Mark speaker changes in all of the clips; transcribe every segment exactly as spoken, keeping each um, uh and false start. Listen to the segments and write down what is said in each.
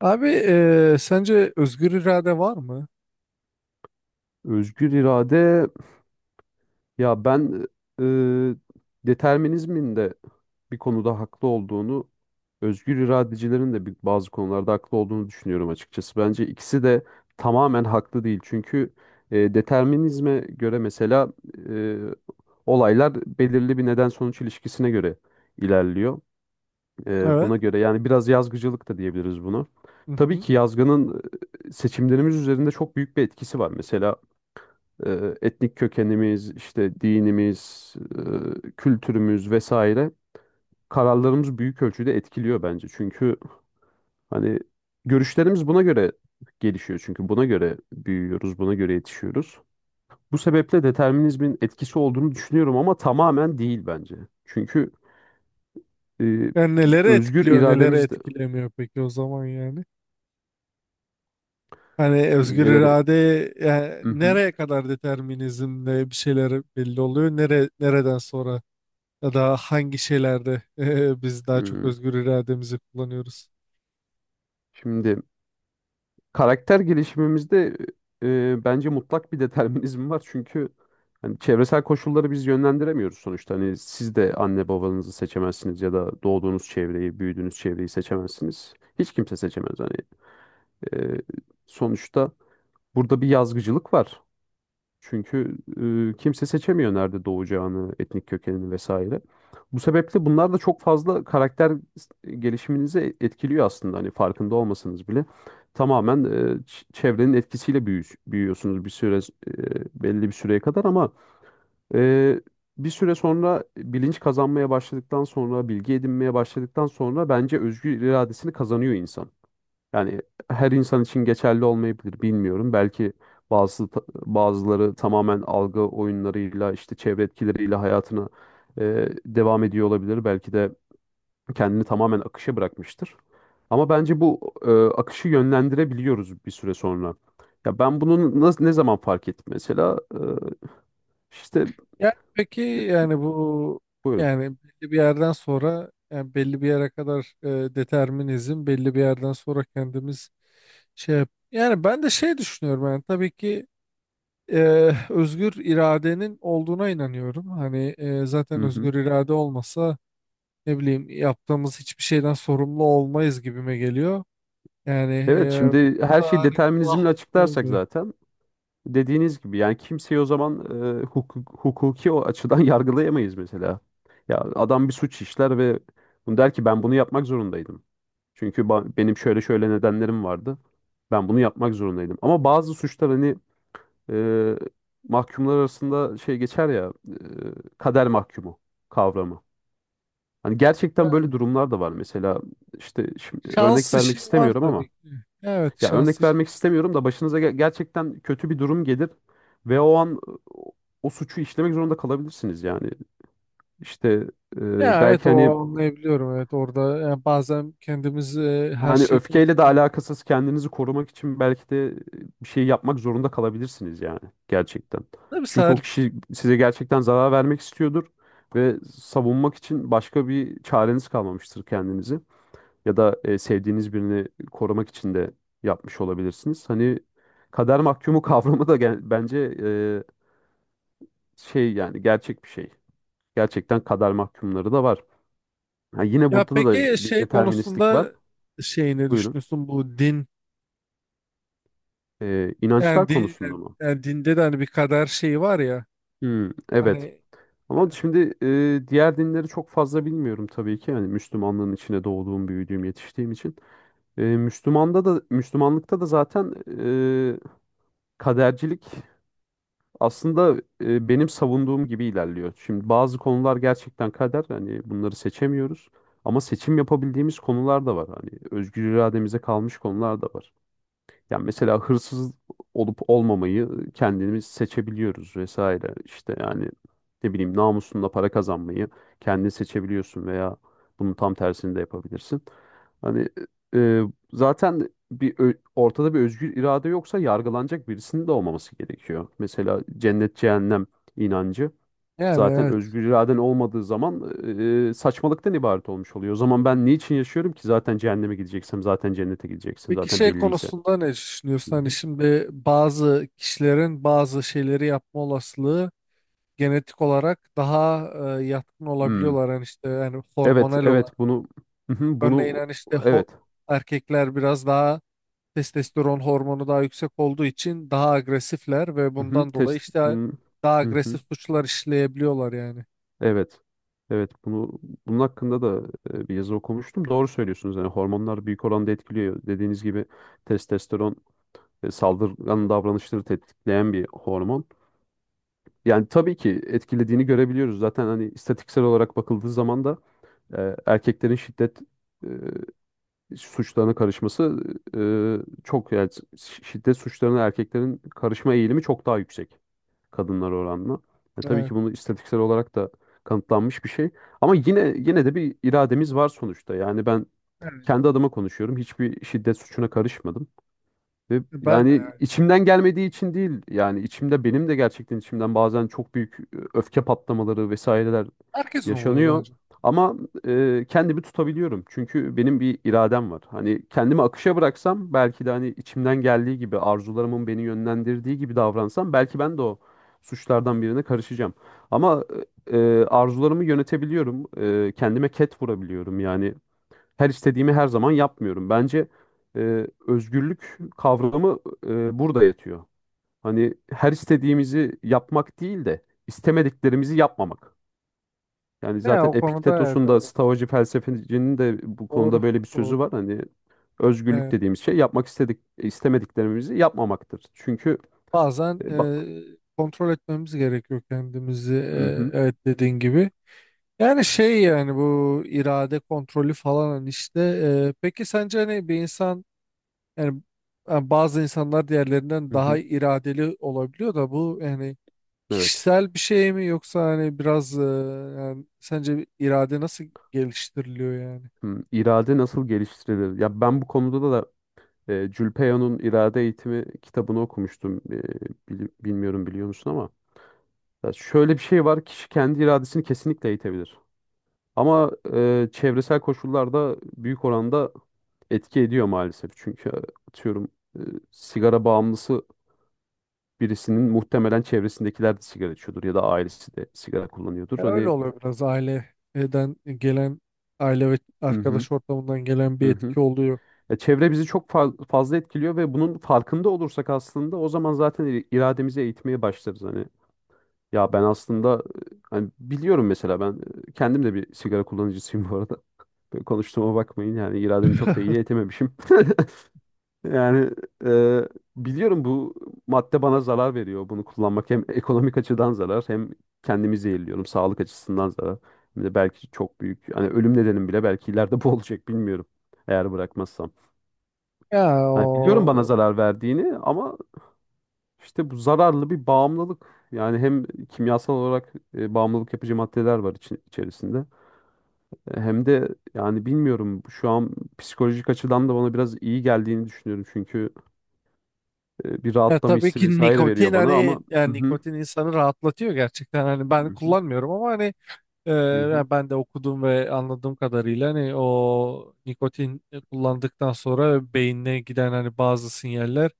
Speaker 1: Abi eee, sence özgür irade var mı?
Speaker 2: Özgür irade. Ya ben, e, determinizmin de bir konuda haklı olduğunu, özgür iradecilerin de bir- bazı konularda haklı olduğunu düşünüyorum açıkçası. Bence ikisi de tamamen haklı değil. Çünkü e, determinizme göre mesela e, olaylar belirli bir neden sonuç ilişkisine göre ilerliyor. Ee,
Speaker 1: Evet.
Speaker 2: buna göre yani biraz yazgıcılık da diyebiliriz bunu.
Speaker 1: Hı
Speaker 2: Tabii
Speaker 1: hı.
Speaker 2: ki yazgının e, seçimlerimiz üzerinde çok büyük bir etkisi var. Mesela e, etnik kökenimiz, işte dinimiz, e, kültürümüz vesaire kararlarımız büyük ölçüde etkiliyor bence. Çünkü hani görüşlerimiz buna göre gelişiyor. Çünkü buna göre büyüyoruz, buna göre yetişiyoruz. Bu sebeple determinizmin etkisi olduğunu düşünüyorum ama tamamen değil bence. Çünkü e,
Speaker 1: Yani
Speaker 2: bir
Speaker 1: nelere
Speaker 2: özgür
Speaker 1: etkiliyor, nelere
Speaker 2: irademiz de
Speaker 1: etkilemiyor peki o zaman yani? Hani
Speaker 2: şimdi
Speaker 1: özgür
Speaker 2: neleri...
Speaker 1: irade yani
Speaker 2: Mhm.
Speaker 1: nereye kadar determinizmle bir şeyler belli oluyor? Nere, nereden sonra ya da hangi şeylerde eee, biz daha çok
Speaker 2: Hmm.
Speaker 1: özgür irademizi kullanıyoruz?
Speaker 2: Şimdi karakter gelişimimizde e, e, bence mutlak bir determinizm var. Çünkü hani çevresel koşulları biz yönlendiremiyoruz sonuçta. Hani siz de anne babanızı seçemezsiniz ya da doğduğunuz çevreyi, büyüdüğünüz çevreyi seçemezsiniz. Hiç kimse seçemez. Hani e, sonuçta burada bir yazgıcılık var. Çünkü e, kimse seçemiyor nerede doğacağını, etnik kökenini vesaire. Bu sebeple bunlar da çok fazla karakter gelişiminizi etkiliyor aslında. Hani farkında olmasanız bile tamamen e, ç- çevrenin etkisiyle büyü- büyüyorsunuz bir süre, e, belli bir süreye kadar ama e, bir süre sonra bilinç kazanmaya başladıktan sonra, bilgi edinmeye başladıktan sonra bence özgür iradesini kazanıyor insan. Yani her insan için geçerli olmayabilir, bilmiyorum. Belki bazı bazıları tamamen algı oyunlarıyla, işte çevre etkileriyle hayatına e, devam ediyor olabilir. Belki de kendini tamamen akışa bırakmıştır. Ama bence bu, e, akışı yönlendirebiliyoruz bir süre sonra. Ya ben bunun nasıl, ne zaman fark ettim mesela? E, işte
Speaker 1: Yani peki yani bu
Speaker 2: buyurun.
Speaker 1: yani belli bir yerden sonra, yani belli bir yere kadar e, determinizm, belli bir yerden sonra kendimiz şey yap- yani ben de şey düşünüyorum. Yani tabii ki e, özgür iradenin olduğuna inanıyorum. Hani e,
Speaker 2: Hı
Speaker 1: zaten
Speaker 2: hı.
Speaker 1: özgür irade olmasa ne bileyim, yaptığımız hiçbir şeyden sorumlu olmayız gibime geliyor. Yani
Speaker 2: Evet,
Speaker 1: e,
Speaker 2: şimdi her şeyi
Speaker 1: hani kulağım
Speaker 2: determinizmle açıklarsak
Speaker 1: olmuyor.
Speaker 2: zaten dediğiniz gibi, yani kimseyi o zaman e, hukuk- hukuki o açıdan yargılayamayız mesela. Ya adam bir suç işler ve bunu der ki ben bunu yapmak zorundaydım. Çünkü ba- benim şöyle şöyle nedenlerim vardı. Ben bunu yapmak zorundaydım. Ama bazı suçlar hani, e, mahkumlar arasında şey geçer ya, e, kader mahkumu kavramı. Hani gerçekten böyle
Speaker 1: Yani
Speaker 2: durumlar da var. Mesela işte şimdi
Speaker 1: şans
Speaker 2: örnek
Speaker 1: işi
Speaker 2: vermek
Speaker 1: var
Speaker 2: istemiyorum
Speaker 1: tabii
Speaker 2: ama,
Speaker 1: ki. Evet,
Speaker 2: ya
Speaker 1: şans
Speaker 2: örnek
Speaker 1: işi.
Speaker 2: vermek istemiyorum da başınıza ge- gerçekten kötü bir durum gelir ve o an o, o suçu işlemek zorunda kalabilirsiniz yani. İşte e,
Speaker 1: Ya evet,
Speaker 2: belki
Speaker 1: o
Speaker 2: hani
Speaker 1: anlayabiliyorum, evet orada yani bazen kendimiz e, her
Speaker 2: hani
Speaker 1: şeyi kontrol
Speaker 2: öfkeyle de
Speaker 1: ediyoruz.
Speaker 2: alakasız kendinizi korumak için belki de e, bir şey yapmak zorunda kalabilirsiniz yani, gerçekten.
Speaker 1: Tabii
Speaker 2: Çünkü o
Speaker 1: Salih.
Speaker 2: kişi size gerçekten zarar vermek istiyordur ve savunmak için başka bir çareniz kalmamıştır kendinizi. Ya da e, sevdiğiniz birini korumak için de yapmış olabilirsiniz. Hani kader mahkumu kavramı da gen- bence e, şey yani gerçek bir şey. Gerçekten kader mahkumları da var. Ha, yine
Speaker 1: Ya
Speaker 2: burada
Speaker 1: peki
Speaker 2: da bir
Speaker 1: şey
Speaker 2: deterministlik var.
Speaker 1: konusunda, şey ne
Speaker 2: Buyurun.
Speaker 1: düşünüyorsun, bu din
Speaker 2: E, inançlar
Speaker 1: yani, din,
Speaker 2: konusunda
Speaker 1: yani
Speaker 2: mı?
Speaker 1: yani dinde de hani bir kader şeyi var ya
Speaker 2: Hmm, evet.
Speaker 1: hani,
Speaker 2: Ama şimdi e, diğer dinleri çok fazla bilmiyorum tabii ki. Yani Müslümanlığın içine doğduğum, büyüdüğüm, yetiştiğim için. E, Müslümanda da Müslümanlıkta da zaten e, kadercilik aslında e, benim savunduğum gibi ilerliyor. Şimdi bazı konular gerçekten kader. Hani bunları seçemiyoruz. Ama seçim yapabildiğimiz konular da var. Hani özgür irademize kalmış konular da var. Yani mesela hırsız olup olmamayı kendimiz seçebiliyoruz vesaire. İşte yani ne bileyim, namusunla para kazanmayı kendin seçebiliyorsun veya bunun tam tersini de yapabilirsin. Hani e, zaten bir ö- ortada bir özgür irade yoksa yargılanacak birisinin de olmaması gerekiyor. Mesela cennet cehennem inancı,
Speaker 1: yani
Speaker 2: zaten
Speaker 1: evet.
Speaker 2: özgür iraden olmadığı zaman e, saçmalıktan ibaret olmuş oluyor. O zaman ben niçin yaşıyorum ki zaten cehenneme gideceksem, zaten cennete gideceksin
Speaker 1: Peki
Speaker 2: zaten
Speaker 1: şey
Speaker 2: belliyse.
Speaker 1: konusunda ne düşünüyorsun? Hani şimdi bazı kişilerin bazı şeyleri yapma olasılığı genetik olarak daha e, yatkın
Speaker 2: Hmm.
Speaker 1: olabiliyorlar. Hani işte yani
Speaker 2: Evet,
Speaker 1: hormonal olarak.
Speaker 2: evet, bunu... Hı hı,
Speaker 1: Örneğin
Speaker 2: bunu,
Speaker 1: hani işte ho-
Speaker 2: evet.
Speaker 1: erkekler biraz daha testosteron hormonu daha yüksek olduğu için daha agresifler ve
Speaker 2: Hı hı,
Speaker 1: bundan dolayı
Speaker 2: test
Speaker 1: işte
Speaker 2: bunu...
Speaker 1: daha
Speaker 2: Hı hı,
Speaker 1: agresif suçlar işleyebiliyorlar yani.
Speaker 2: evet. Evet, bunu bunun hakkında da e, bir yazı okumuştum. Doğru söylüyorsunuz. Yani hormonlar büyük oranda etkiliyor. Dediğiniz gibi testosteron e, saldırgan davranışları tetikleyen bir hormon. Yani tabii ki etkilediğini görebiliyoruz. Zaten hani istatistiksel olarak bakıldığı zaman da e, erkeklerin şiddet e, suçlarına karışması e, çok yani, şi- şiddet suçlarına erkeklerin karışma eğilimi çok daha yüksek kadınlar oranla. E, tabii
Speaker 1: Evet.
Speaker 2: ki bunu istatistiksel olarak da kanıtlanmış bir şey. Ama yine yine de bir irademiz var sonuçta. Yani ben
Speaker 1: Evet.
Speaker 2: kendi adıma konuşuyorum. Hiçbir şiddet suçuna karışmadım. Ve
Speaker 1: Ben de
Speaker 2: yani
Speaker 1: yani.
Speaker 2: içimden gelmediği için değil, yani içimde, benim de gerçekten içimden bazen çok büyük e, öfke patlamaları vesaireler
Speaker 1: Herkesin oluyor
Speaker 2: yaşanıyor.
Speaker 1: bence.
Speaker 2: Ama e, kendimi tutabiliyorum. Çünkü benim bir iradem var. Hani kendimi akışa bıraksam, belki de hani içimden geldiği gibi, arzularımın beni yönlendirdiği gibi davransam, belki ben de o suçlardan birine karışacağım. Ama e, e, arzularımı yönetebiliyorum. E, kendime ket vurabiliyorum. Yani her istediğimi her zaman yapmıyorum. Bence e, özgürlük kavramı e, burada yatıyor. Hani her istediğimizi yapmak değil de istemediklerimizi yapmamak. Yani
Speaker 1: Ya
Speaker 2: zaten
Speaker 1: o konuda evet
Speaker 2: Epiktetos'un da,
Speaker 1: öyle.
Speaker 2: Stoacı felsefecinin de bu
Speaker 1: Doğru.
Speaker 2: konuda böyle bir sözü
Speaker 1: Doğru.
Speaker 2: var. Hani özgürlük
Speaker 1: Evet.
Speaker 2: dediğimiz şey yapmak istedik istemediklerimizi yapmamaktır. Çünkü
Speaker 1: Bazen
Speaker 2: e, bak,
Speaker 1: e, kontrol etmemiz gerekiyor kendimizi.
Speaker 2: hı
Speaker 1: E,
Speaker 2: hı,
Speaker 1: evet dediğin gibi. Yani şey, yani bu irade kontrolü falan hani işte e, peki sence hani bir insan yani, yani bazı insanlar diğerlerinden
Speaker 2: hı
Speaker 1: daha
Speaker 2: hı,
Speaker 1: iradeli olabiliyor da bu yani
Speaker 2: evet.
Speaker 1: kişisel bir şey mi, yoksa hani biraz e, yani sence bir irade nasıl geliştiriliyor yani?
Speaker 2: Hı, irade nasıl geliştirilir? Ya ben bu konuda da... E, Julpeo'nun İrade Eğitimi kitabını okumuştum. E, bili- bilmiyorum, biliyor musun ama. Ya, şöyle bir şey var. Kişi kendi iradesini kesinlikle eğitebilir. Ama e, çevresel koşullar da büyük oranda etki ediyor maalesef. Çünkü e, atıyorum, e, sigara bağımlısı birisinin muhtemelen çevresindekiler de sigara içiyordur ya da ailesi de sigara kullanıyordur.
Speaker 1: E, Öyle
Speaker 2: Hani,
Speaker 1: oluyor biraz, aileden gelen, aile ve
Speaker 2: hı hı,
Speaker 1: arkadaş ortamından gelen bir
Speaker 2: hı hı.
Speaker 1: etki oluyor.
Speaker 2: Ya çevre bizi çok fa- fazla etkiliyor ve bunun farkında olursak aslında o zaman zaten ir- irademizi eğitmeye başlarız. Hani, ya ben aslında, e, hani biliyorum mesela ben, e, kendim de bir sigara kullanıcısıyım bu arada. Böyle konuştuğuma bakmayın yani, irademi çok da iyi etememişim. Yani e, biliyorum bu madde bana zarar veriyor, bunu kullanmak. Hem ekonomik açıdan zarar, hem kendimi zehirliyorum, sağlık açısından zarar. Hem de belki çok büyük, hani ölüm nedenim bile belki ileride bu olacak, bilmiyorum, eğer bırakmazsam.
Speaker 1: Ya
Speaker 2: Hani biliyorum bana
Speaker 1: o,
Speaker 2: zarar verdiğini ama... İşte bu zararlı bir bağımlılık. Yani hem kimyasal olarak e, bağımlılık yapıcı maddeler var için, içerisinde. E, Hem de yani bilmiyorum, şu an psikolojik açıdan da bana biraz iyi geldiğini düşünüyorum. Çünkü e, bir
Speaker 1: ya
Speaker 2: rahatlama
Speaker 1: tabii
Speaker 2: hissi
Speaker 1: ki
Speaker 2: vesaire
Speaker 1: nikotin,
Speaker 2: veriyor bana ama...
Speaker 1: hani
Speaker 2: Hı
Speaker 1: yani
Speaker 2: hı,
Speaker 1: nikotin insanı rahatlatıyor gerçekten. Hani
Speaker 2: hı
Speaker 1: ben
Speaker 2: hı,
Speaker 1: kullanmıyorum ama hani Ee,
Speaker 2: hı hı,
Speaker 1: yani ben de okudum ve anladığım kadarıyla hani o nikotin kullandıktan sonra beynine giden hani bazı sinyaller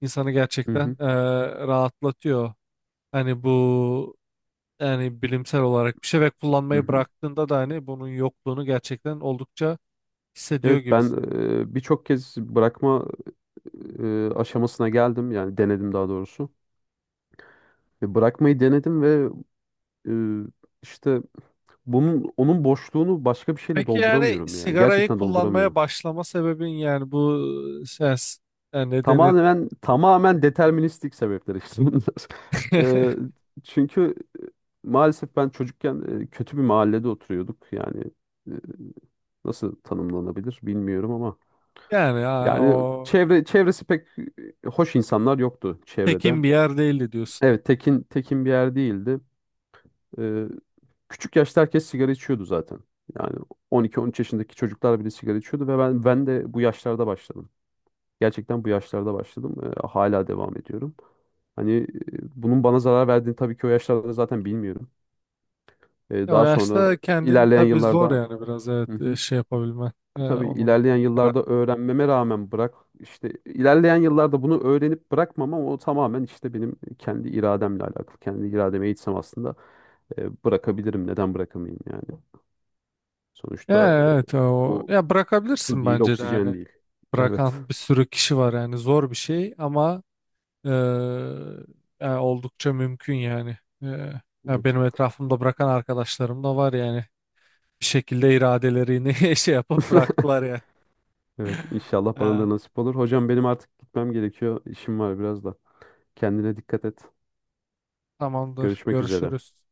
Speaker 1: insanı
Speaker 2: hı
Speaker 1: gerçekten
Speaker 2: hı,
Speaker 1: e, rahatlatıyor. Hani bu yani bilimsel olarak bir şey ve
Speaker 2: hı
Speaker 1: kullanmayı
Speaker 2: hı.
Speaker 1: bıraktığında da hani bunun yokluğunu gerçekten oldukça hissediyor
Speaker 2: Evet, ben
Speaker 1: gibisin.
Speaker 2: e, birçok kez bırakma e, aşamasına geldim. Yani denedim, daha doğrusu. Ve bırakmayı denedim ve... Ee, işte bunun onun boşluğunu başka bir şeyle
Speaker 1: Peki yani
Speaker 2: dolduramıyorum yani.
Speaker 1: sigarayı
Speaker 2: Gerçekten
Speaker 1: kullanmaya
Speaker 2: dolduramıyorum.
Speaker 1: başlama sebebin yani bu ses, yani ne denir?
Speaker 2: Tamamen tamamen deterministik sebepler işte bunlar. Ee, Çünkü maalesef ben çocukken e, kötü bir mahallede oturuyorduk. Yani e, nasıl tanımlanabilir bilmiyorum ama
Speaker 1: Yani ha,
Speaker 2: yani
Speaker 1: o
Speaker 2: çevre çevresi pek e, hoş insanlar yoktu çevrede.
Speaker 1: tekin bir yer değildi diyorsun.
Speaker 2: Evet, tekin tekin bir yer değildi. Ee, Küçük yaşta herkes sigara içiyordu zaten. Yani on iki, on üç yaşındaki çocuklar bile sigara içiyordu ve ben ben de bu yaşlarda başladım. Gerçekten bu yaşlarda başladım. Ee, hala devam ediyorum. Hani e, bunun bana zarar verdiğini tabii ki o yaşlarda zaten bilmiyorum. Ee,
Speaker 1: Ya o
Speaker 2: daha sonra
Speaker 1: yaşta kendini
Speaker 2: ilerleyen
Speaker 1: tabii zor
Speaker 2: yıllarda,
Speaker 1: yani, biraz evet,
Speaker 2: hı
Speaker 1: e,
Speaker 2: hı,
Speaker 1: şey yapabilmen. E,
Speaker 2: tabii
Speaker 1: onun
Speaker 2: ilerleyen
Speaker 1: karar-
Speaker 2: yıllarda öğrenmeme rağmen bırak... işte ilerleyen yıllarda bunu öğrenip bırakmam ama o tamamen işte benim kendi irademle alakalı. Kendi irademe eğitsem aslında e, bırakabilirim. Neden bırakamayayım yani? Sonuçta
Speaker 1: ya
Speaker 2: e,
Speaker 1: evet, o
Speaker 2: bu
Speaker 1: ya
Speaker 2: su
Speaker 1: bırakabilirsin
Speaker 2: değil,
Speaker 1: bence de,
Speaker 2: oksijen
Speaker 1: hani
Speaker 2: değil. Evet.
Speaker 1: bırakan bir sürü kişi var yani, zor bir şey ama e, ya oldukça mümkün yani. E, ya
Speaker 2: Evet.
Speaker 1: benim etrafımda bırakan arkadaşlarım da var yani bir şekilde iradelerini şey yapıp bıraktılar yani.
Speaker 2: Evet, inşallah bana
Speaker 1: Ha,
Speaker 2: da nasip olur. Hocam benim artık gitmem gerekiyor. İşim var biraz da. Kendine dikkat et.
Speaker 1: tamamdır,
Speaker 2: Görüşmek üzere.
Speaker 1: görüşürüz.